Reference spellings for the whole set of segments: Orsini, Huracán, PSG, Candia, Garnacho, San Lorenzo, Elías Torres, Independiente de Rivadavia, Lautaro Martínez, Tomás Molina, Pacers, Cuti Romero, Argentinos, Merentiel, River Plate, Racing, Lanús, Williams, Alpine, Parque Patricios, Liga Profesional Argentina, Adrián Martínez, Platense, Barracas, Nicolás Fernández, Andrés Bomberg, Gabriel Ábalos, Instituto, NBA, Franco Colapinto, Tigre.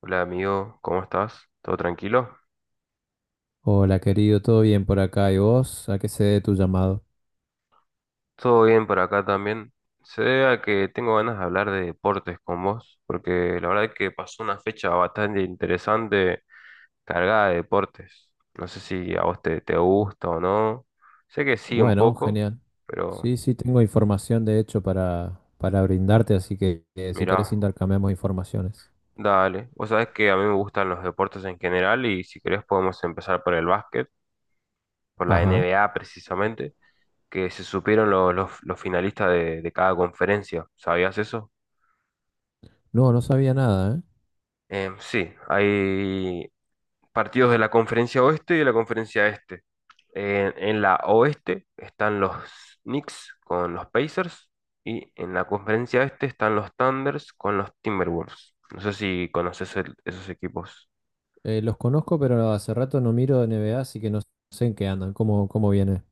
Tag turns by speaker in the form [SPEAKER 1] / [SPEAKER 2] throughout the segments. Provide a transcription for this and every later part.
[SPEAKER 1] Hola amigo, ¿cómo estás? ¿Todo tranquilo?
[SPEAKER 2] Hola, querido, ¿todo bien por acá? ¿Y vos? ¿A qué se debe tu llamado?
[SPEAKER 1] Todo bien por acá también. Se debe a que tengo ganas de hablar de deportes con vos, porque la verdad es que pasó una fecha bastante interesante cargada de deportes. No sé si a vos te gusta o no. Sé que sí un
[SPEAKER 2] Bueno,
[SPEAKER 1] poco,
[SPEAKER 2] genial.
[SPEAKER 1] pero
[SPEAKER 2] Sí, sí, tengo información de hecho para brindarte, así que si querés
[SPEAKER 1] mirá,
[SPEAKER 2] intercambiamos informaciones.
[SPEAKER 1] dale. Vos sabés que a mí me gustan los deportes en general y si querés podemos empezar por el básquet, por la N
[SPEAKER 2] Ajá.
[SPEAKER 1] B A precisamente, que se supieron los finalistas de cada conferencia. ¿Sabías eso?
[SPEAKER 2] No, no sabía nada, ¿eh?
[SPEAKER 1] Sí, hay partidos de la conferencia oeste y de la conferencia este. En la oeste están los Knicks con los Pacers y en la conferencia este están los Thunders con los Timberwolves. No sé si conoces esos equipos.
[SPEAKER 2] Los conozco, pero hace rato no miro NBA, así que no sé en qué andan, cómo viene.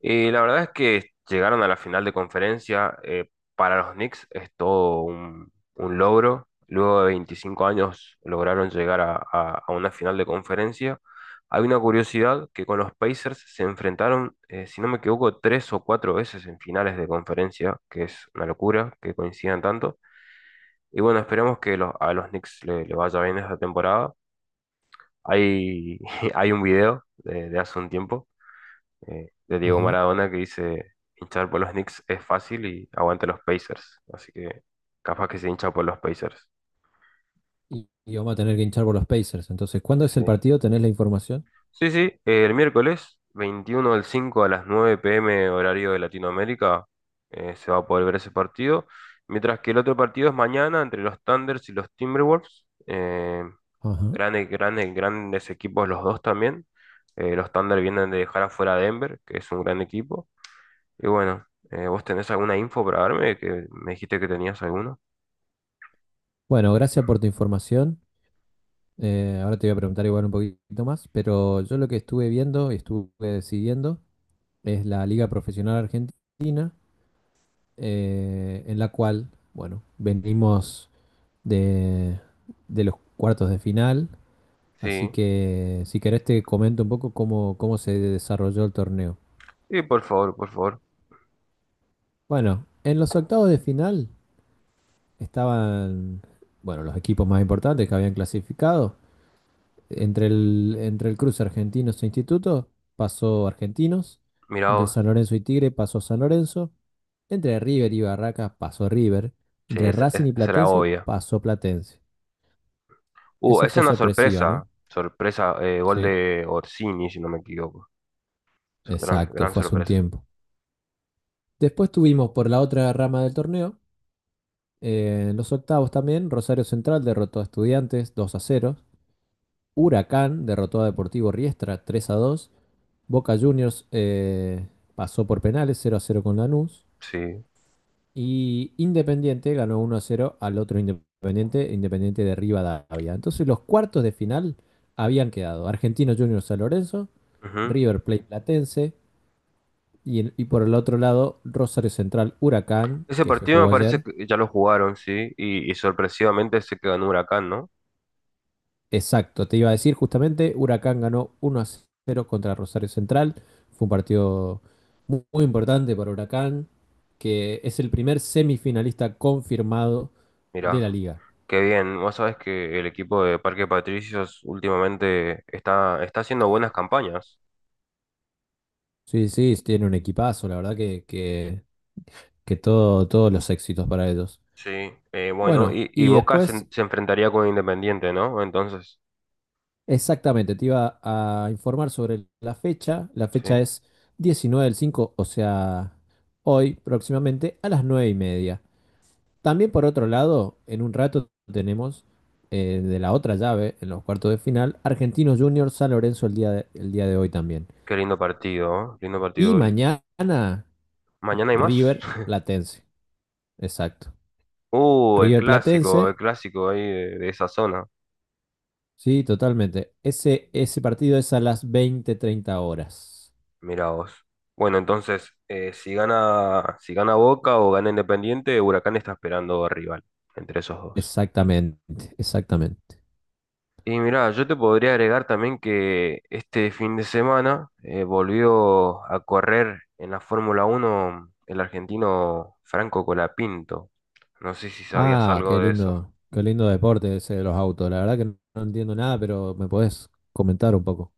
[SPEAKER 1] Y la verdad es que llegaron a la final de conferencia. Para los Knicks es todo un logro. Luego de 25 años lograron llegar a una final de conferencia. Hay una curiosidad que con los Pacers se enfrentaron, si no me equivoco, tres o cuatro veces en finales de conferencia, que es una locura que coincidan tanto. Y bueno, esperemos que a los Knicks le vaya bien esta temporada. Hay, hay un video de hace un tiempo de Diego
[SPEAKER 2] Ajá.
[SPEAKER 1] Maradona que dice, hinchar por los Knicks es fácil y aguante los Pacers. Así que capaz que se hincha por los Pacers.
[SPEAKER 2] Y vamos a tener que hinchar por los Pacers. Entonces, ¿cuándo es
[SPEAKER 1] Sí,
[SPEAKER 2] el partido? ¿Tenés la información?
[SPEAKER 1] sí, sí, el miércoles 21 del 5 a las 9 p. m. horario de Latinoamérica se va a poder ver ese partido. Mientras que el otro partido es mañana entre los Thunders y los Timberwolves. Eh,
[SPEAKER 2] Ajá.
[SPEAKER 1] grandes, grandes, grandes equipos los dos también. Los Thunder vienen de dejar afuera a Denver, que es un gran equipo. Y bueno, ¿vos tenés alguna info para darme? Que me dijiste que tenías alguno.
[SPEAKER 2] Bueno, gracias por tu información. Ahora te voy a preguntar igual un poquito más, pero yo lo que estuve viendo y estuve siguiendo es la Liga Profesional Argentina, en la cual, bueno, venimos de, de los cuartos de final, así
[SPEAKER 1] Sí.
[SPEAKER 2] que si querés te comento un poco cómo se desarrolló el torneo.
[SPEAKER 1] Sí, por favor, por favor.
[SPEAKER 2] Bueno, en los octavos de final estaban, bueno, los equipos más importantes que habían clasificado. Entre el cruce Argentinos e Instituto pasó Argentinos,
[SPEAKER 1] Mirá
[SPEAKER 2] entre
[SPEAKER 1] vos.
[SPEAKER 2] San Lorenzo y Tigre pasó San Lorenzo, entre River y Barracas pasó River,
[SPEAKER 1] Sí,
[SPEAKER 2] entre Racing y
[SPEAKER 1] esa era
[SPEAKER 2] Platense
[SPEAKER 1] obvia.
[SPEAKER 2] pasó Platense.
[SPEAKER 1] Uh,
[SPEAKER 2] Esa
[SPEAKER 1] es
[SPEAKER 2] fue
[SPEAKER 1] una
[SPEAKER 2] sorpresiva,
[SPEAKER 1] sorpresa.
[SPEAKER 2] ¿no?
[SPEAKER 1] Sorpresa, gol
[SPEAKER 2] Sí,
[SPEAKER 1] de Orsini, si no me equivoco. Gran,
[SPEAKER 2] exacto,
[SPEAKER 1] gran
[SPEAKER 2] fue hace un
[SPEAKER 1] sorpresa.
[SPEAKER 2] tiempo. Después tuvimos por la otra rama del torneo, en los octavos también, Rosario Central derrotó a Estudiantes 2-0. Huracán derrotó a Deportivo Riestra 3-2. Boca Juniors pasó por penales 0-0 con Lanús.
[SPEAKER 1] Sí.
[SPEAKER 2] Y Independiente ganó 1-0 al otro Independiente, Independiente de Rivadavia. Entonces los cuartos de final habían quedado Argentino Juniors San Lorenzo,
[SPEAKER 1] Ujú.
[SPEAKER 2] River Plate Platense y por el otro lado Rosario Central Huracán,
[SPEAKER 1] Ese
[SPEAKER 2] que se
[SPEAKER 1] partido me
[SPEAKER 2] jugó
[SPEAKER 1] parece
[SPEAKER 2] ayer.
[SPEAKER 1] que ya lo jugaron, sí. Y sorpresivamente se quedó en Huracán, ¿no?
[SPEAKER 2] Exacto, te iba a decir justamente, Huracán ganó 1-0 contra Rosario Central. Fue un partido muy importante para Huracán, que es el primer semifinalista confirmado de la
[SPEAKER 1] Mirá,
[SPEAKER 2] liga.
[SPEAKER 1] qué bien. Vos sabés que el equipo de Parque Patricios últimamente está haciendo buenas campañas.
[SPEAKER 2] Sí, sí, tiene un equipazo, la verdad que todos los éxitos para ellos.
[SPEAKER 1] Sí, bueno,
[SPEAKER 2] Bueno,
[SPEAKER 1] y
[SPEAKER 2] y
[SPEAKER 1] Boca
[SPEAKER 2] después,
[SPEAKER 1] se enfrentaría con Independiente, ¿no? Entonces,
[SPEAKER 2] exactamente, te iba a informar sobre la fecha. La
[SPEAKER 1] sí,
[SPEAKER 2] fecha es 19/5, o sea, hoy próximamente a las 9:30. También por otro lado, en un rato tenemos de la otra llave, en los cuartos de final, Argentinos Juniors San Lorenzo el día de hoy también.
[SPEAKER 1] qué lindo partido, ¿eh? Lindo
[SPEAKER 2] Y
[SPEAKER 1] partido.
[SPEAKER 2] mañana,
[SPEAKER 1] ¿Mañana hay más?
[SPEAKER 2] River Platense, exacto.
[SPEAKER 1] El
[SPEAKER 2] River
[SPEAKER 1] clásico, el
[SPEAKER 2] Platense.
[SPEAKER 1] clásico ahí de esa zona.
[SPEAKER 2] Sí, totalmente. Ese partido es a las 20:30 horas.
[SPEAKER 1] Mira vos. Bueno, entonces, si gana Boca o gana Independiente, Huracán está esperando rival entre esos dos.
[SPEAKER 2] Exactamente, exactamente.
[SPEAKER 1] Y mirá, yo te podría agregar también que este fin de semana volvió a correr en la Fórmula Uno el argentino Franco Colapinto. No sé si sabías
[SPEAKER 2] Ah,
[SPEAKER 1] algo de eso.
[SPEAKER 2] qué lindo deporte ese de los autos. La verdad que no entiendo nada, pero me podés comentar un poco.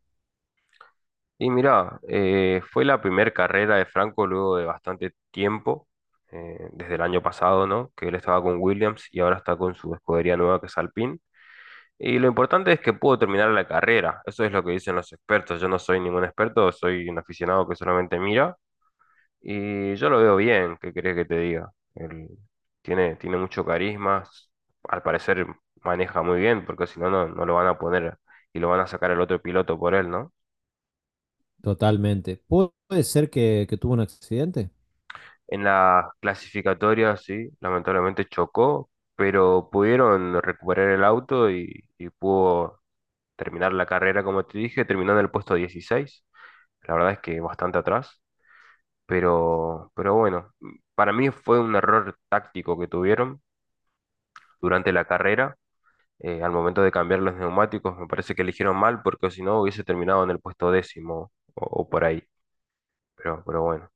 [SPEAKER 1] Y mirá, fue la primera carrera de Franco luego de bastante tiempo, desde el año pasado, ¿no? Que él estaba con Williams y ahora está con su escudería nueva que es Alpine. Y lo importante es que pudo terminar la carrera. Eso es lo que dicen los expertos. Yo no soy ningún experto, soy un aficionado que solamente mira. Y yo lo veo bien, ¿qué querés que te diga? Él tiene mucho carisma, al parecer maneja muy bien, porque si no, no lo van a poner y lo van a sacar al otro piloto por él, ¿no?
[SPEAKER 2] Totalmente. ¿Puede ser que tuvo un accidente?
[SPEAKER 1] En la clasificatoria, sí, lamentablemente chocó, pero pudieron recuperar el auto y pudo terminar la carrera, como te dije, terminando en el puesto 16. La verdad es que bastante atrás, pero, bueno, para mí fue un error táctico que tuvieron durante la carrera al momento de cambiar los neumáticos, me parece que eligieron mal porque si no hubiese terminado en el puesto décimo o por ahí. Pero bueno,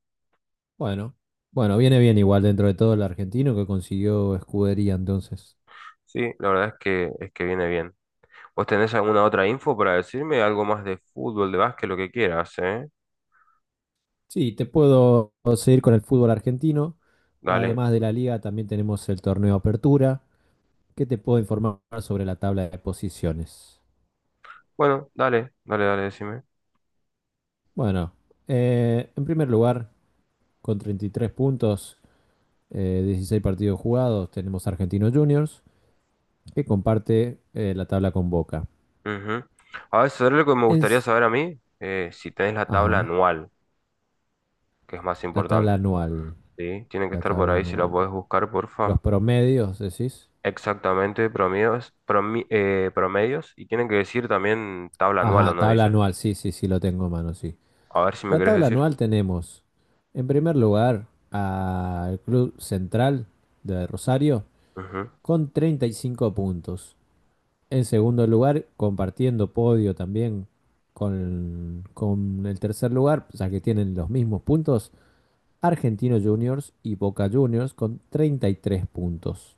[SPEAKER 2] Bueno, bueno, viene bien igual dentro de todo el argentino que consiguió escudería entonces.
[SPEAKER 1] sí, la verdad es que viene bien. ¿Vos tenés alguna otra info para decirme? Algo más de fútbol, de básquet, lo que quieras, ¿eh?
[SPEAKER 2] Sí, te puedo seguir con el fútbol argentino.
[SPEAKER 1] Dale.
[SPEAKER 2] Además de la liga, también tenemos el torneo Apertura. ¿Qué te puedo informar sobre la tabla de posiciones?
[SPEAKER 1] Bueno, dale, dale, dale, decime.
[SPEAKER 2] Bueno, en primer lugar, con 33 puntos, 16 partidos jugados, tenemos Argentinos Juniors, que comparte la tabla con Boca.
[SPEAKER 1] Ujú. A ver, ¿sabés lo que me
[SPEAKER 2] En,
[SPEAKER 1] gustaría saber a mí? Si tenés la tabla
[SPEAKER 2] ajá,
[SPEAKER 1] anual, que es más
[SPEAKER 2] la tabla
[SPEAKER 1] importante.
[SPEAKER 2] anual.
[SPEAKER 1] ¿Sí? Tiene que
[SPEAKER 2] La
[SPEAKER 1] estar por
[SPEAKER 2] tabla
[SPEAKER 1] ahí, si la
[SPEAKER 2] anual.
[SPEAKER 1] podés buscar, porfa.
[SPEAKER 2] Los promedios, decís.
[SPEAKER 1] Exactamente promedios, promedios y tienen que decir también tabla anual o
[SPEAKER 2] Ajá,
[SPEAKER 1] no,
[SPEAKER 2] tabla
[SPEAKER 1] dice.
[SPEAKER 2] anual, sí, sí, sí, lo tengo en mano, sí.
[SPEAKER 1] A ver si me
[SPEAKER 2] La
[SPEAKER 1] querés
[SPEAKER 2] tabla
[SPEAKER 1] decir.
[SPEAKER 2] anual tenemos, en primer lugar, al Club Central de Rosario
[SPEAKER 1] Ujú,
[SPEAKER 2] con 35 puntos. En segundo lugar, compartiendo podio también con el tercer lugar, ya que tienen los mismos puntos, Argentinos Juniors y Boca Juniors con 33 puntos,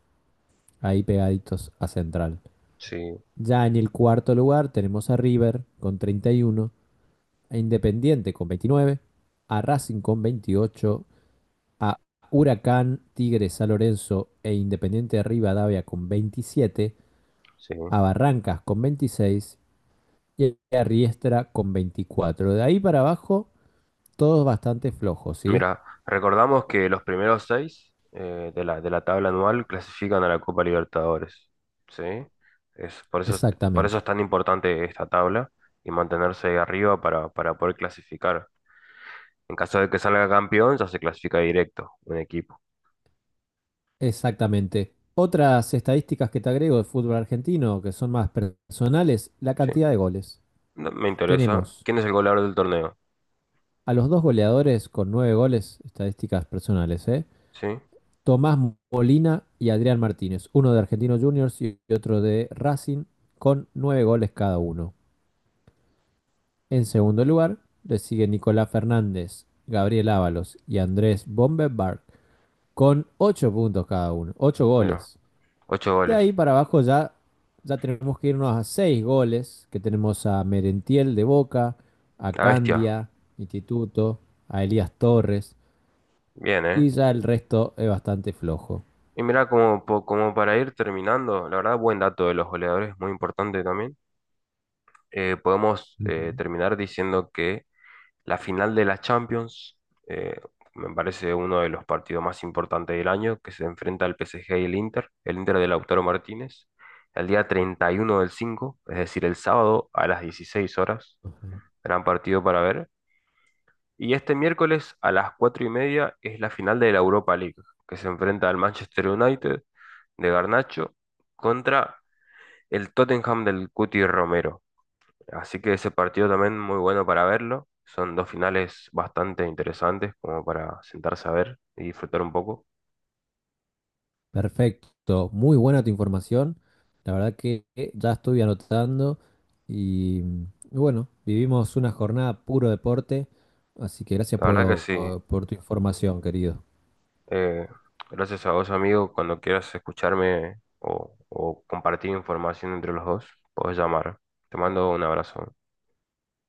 [SPEAKER 2] ahí pegaditos a Central.
[SPEAKER 1] sí,
[SPEAKER 2] Ya en el cuarto lugar tenemos a River con 31, a Independiente con 29, a Racing con 28, a Huracán, Tigres, San Lorenzo e Independiente de Rivadavia con 27,
[SPEAKER 1] sí.
[SPEAKER 2] a Barrancas con 26 y a Riestra con 24. De ahí para abajo, todos bastante flojos, ¿sí?
[SPEAKER 1] Mira, recordamos que los primeros seis de la tabla anual clasifican a la Copa Libertadores. ¿Sí? Es, por eso, es- por eso
[SPEAKER 2] Exactamente,
[SPEAKER 1] es tan importante esta tabla y mantenerse ahí arriba para poder clasificar. En caso de que salga campeón, ya se clasifica directo un equipo.
[SPEAKER 2] exactamente. Otras estadísticas que te agrego de fútbol argentino, que son más personales, la
[SPEAKER 1] ¿Sí?
[SPEAKER 2] cantidad de goles.
[SPEAKER 1] No, me interesa.
[SPEAKER 2] Tenemos
[SPEAKER 1] ¿Quién es el goleador del torneo?
[SPEAKER 2] a los dos goleadores con nueve goles, estadísticas personales, ¿eh?
[SPEAKER 1] ¿Sí?
[SPEAKER 2] Tomás Molina y Adrián Martínez, uno de Argentinos Juniors y otro de Racing, con nueve goles cada uno. En segundo lugar, le sigue Nicolás Fernández, Gabriel Ábalos y Andrés Bomberg con 8 puntos cada uno, 8
[SPEAKER 1] Mira.
[SPEAKER 2] goles.
[SPEAKER 1] Ocho
[SPEAKER 2] De ahí
[SPEAKER 1] goles.
[SPEAKER 2] para abajo ya, ya tenemos que irnos a 6 goles, que tenemos a Merentiel de Boca, a
[SPEAKER 1] La bestia.
[SPEAKER 2] Candia, Instituto, a Elías Torres,
[SPEAKER 1] Bien, ¿eh?
[SPEAKER 2] y ya el resto es bastante flojo.
[SPEAKER 1] Y mirá, como para ir terminando, la verdad, buen dato de los goleadores, muy importante también. Podemos
[SPEAKER 2] Ujú.
[SPEAKER 1] terminar diciendo que la final de la Champions, eh, me parece uno de los partidos más importantes del año, que se enfrenta al PSG y el Inter de Lautaro Martínez, el día 31 del 5, es decir, el sábado a las 16 horas. Gran partido para ver. Y este miércoles a las 4:30 es la final de la Europa League, que se enfrenta al Manchester United de Garnacho contra el Tottenham del Cuti Romero. Así que ese partido también muy bueno para verlo. Son dos finales bastante interesantes como para sentarse a ver y disfrutar un poco.
[SPEAKER 2] Perfecto, muy buena tu información. La verdad que ya estoy anotando y bueno, vivimos una jornada puro deporte, así que gracias
[SPEAKER 1] La verdad que sí.
[SPEAKER 2] por tu información, querido.
[SPEAKER 1] Eh, gracias a vos, amigo. Cuando quieras escucharme o compartir información entre los dos, podés llamar. Te mando un abrazo.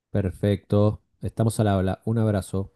[SPEAKER 2] Perfecto, estamos al habla. Un abrazo.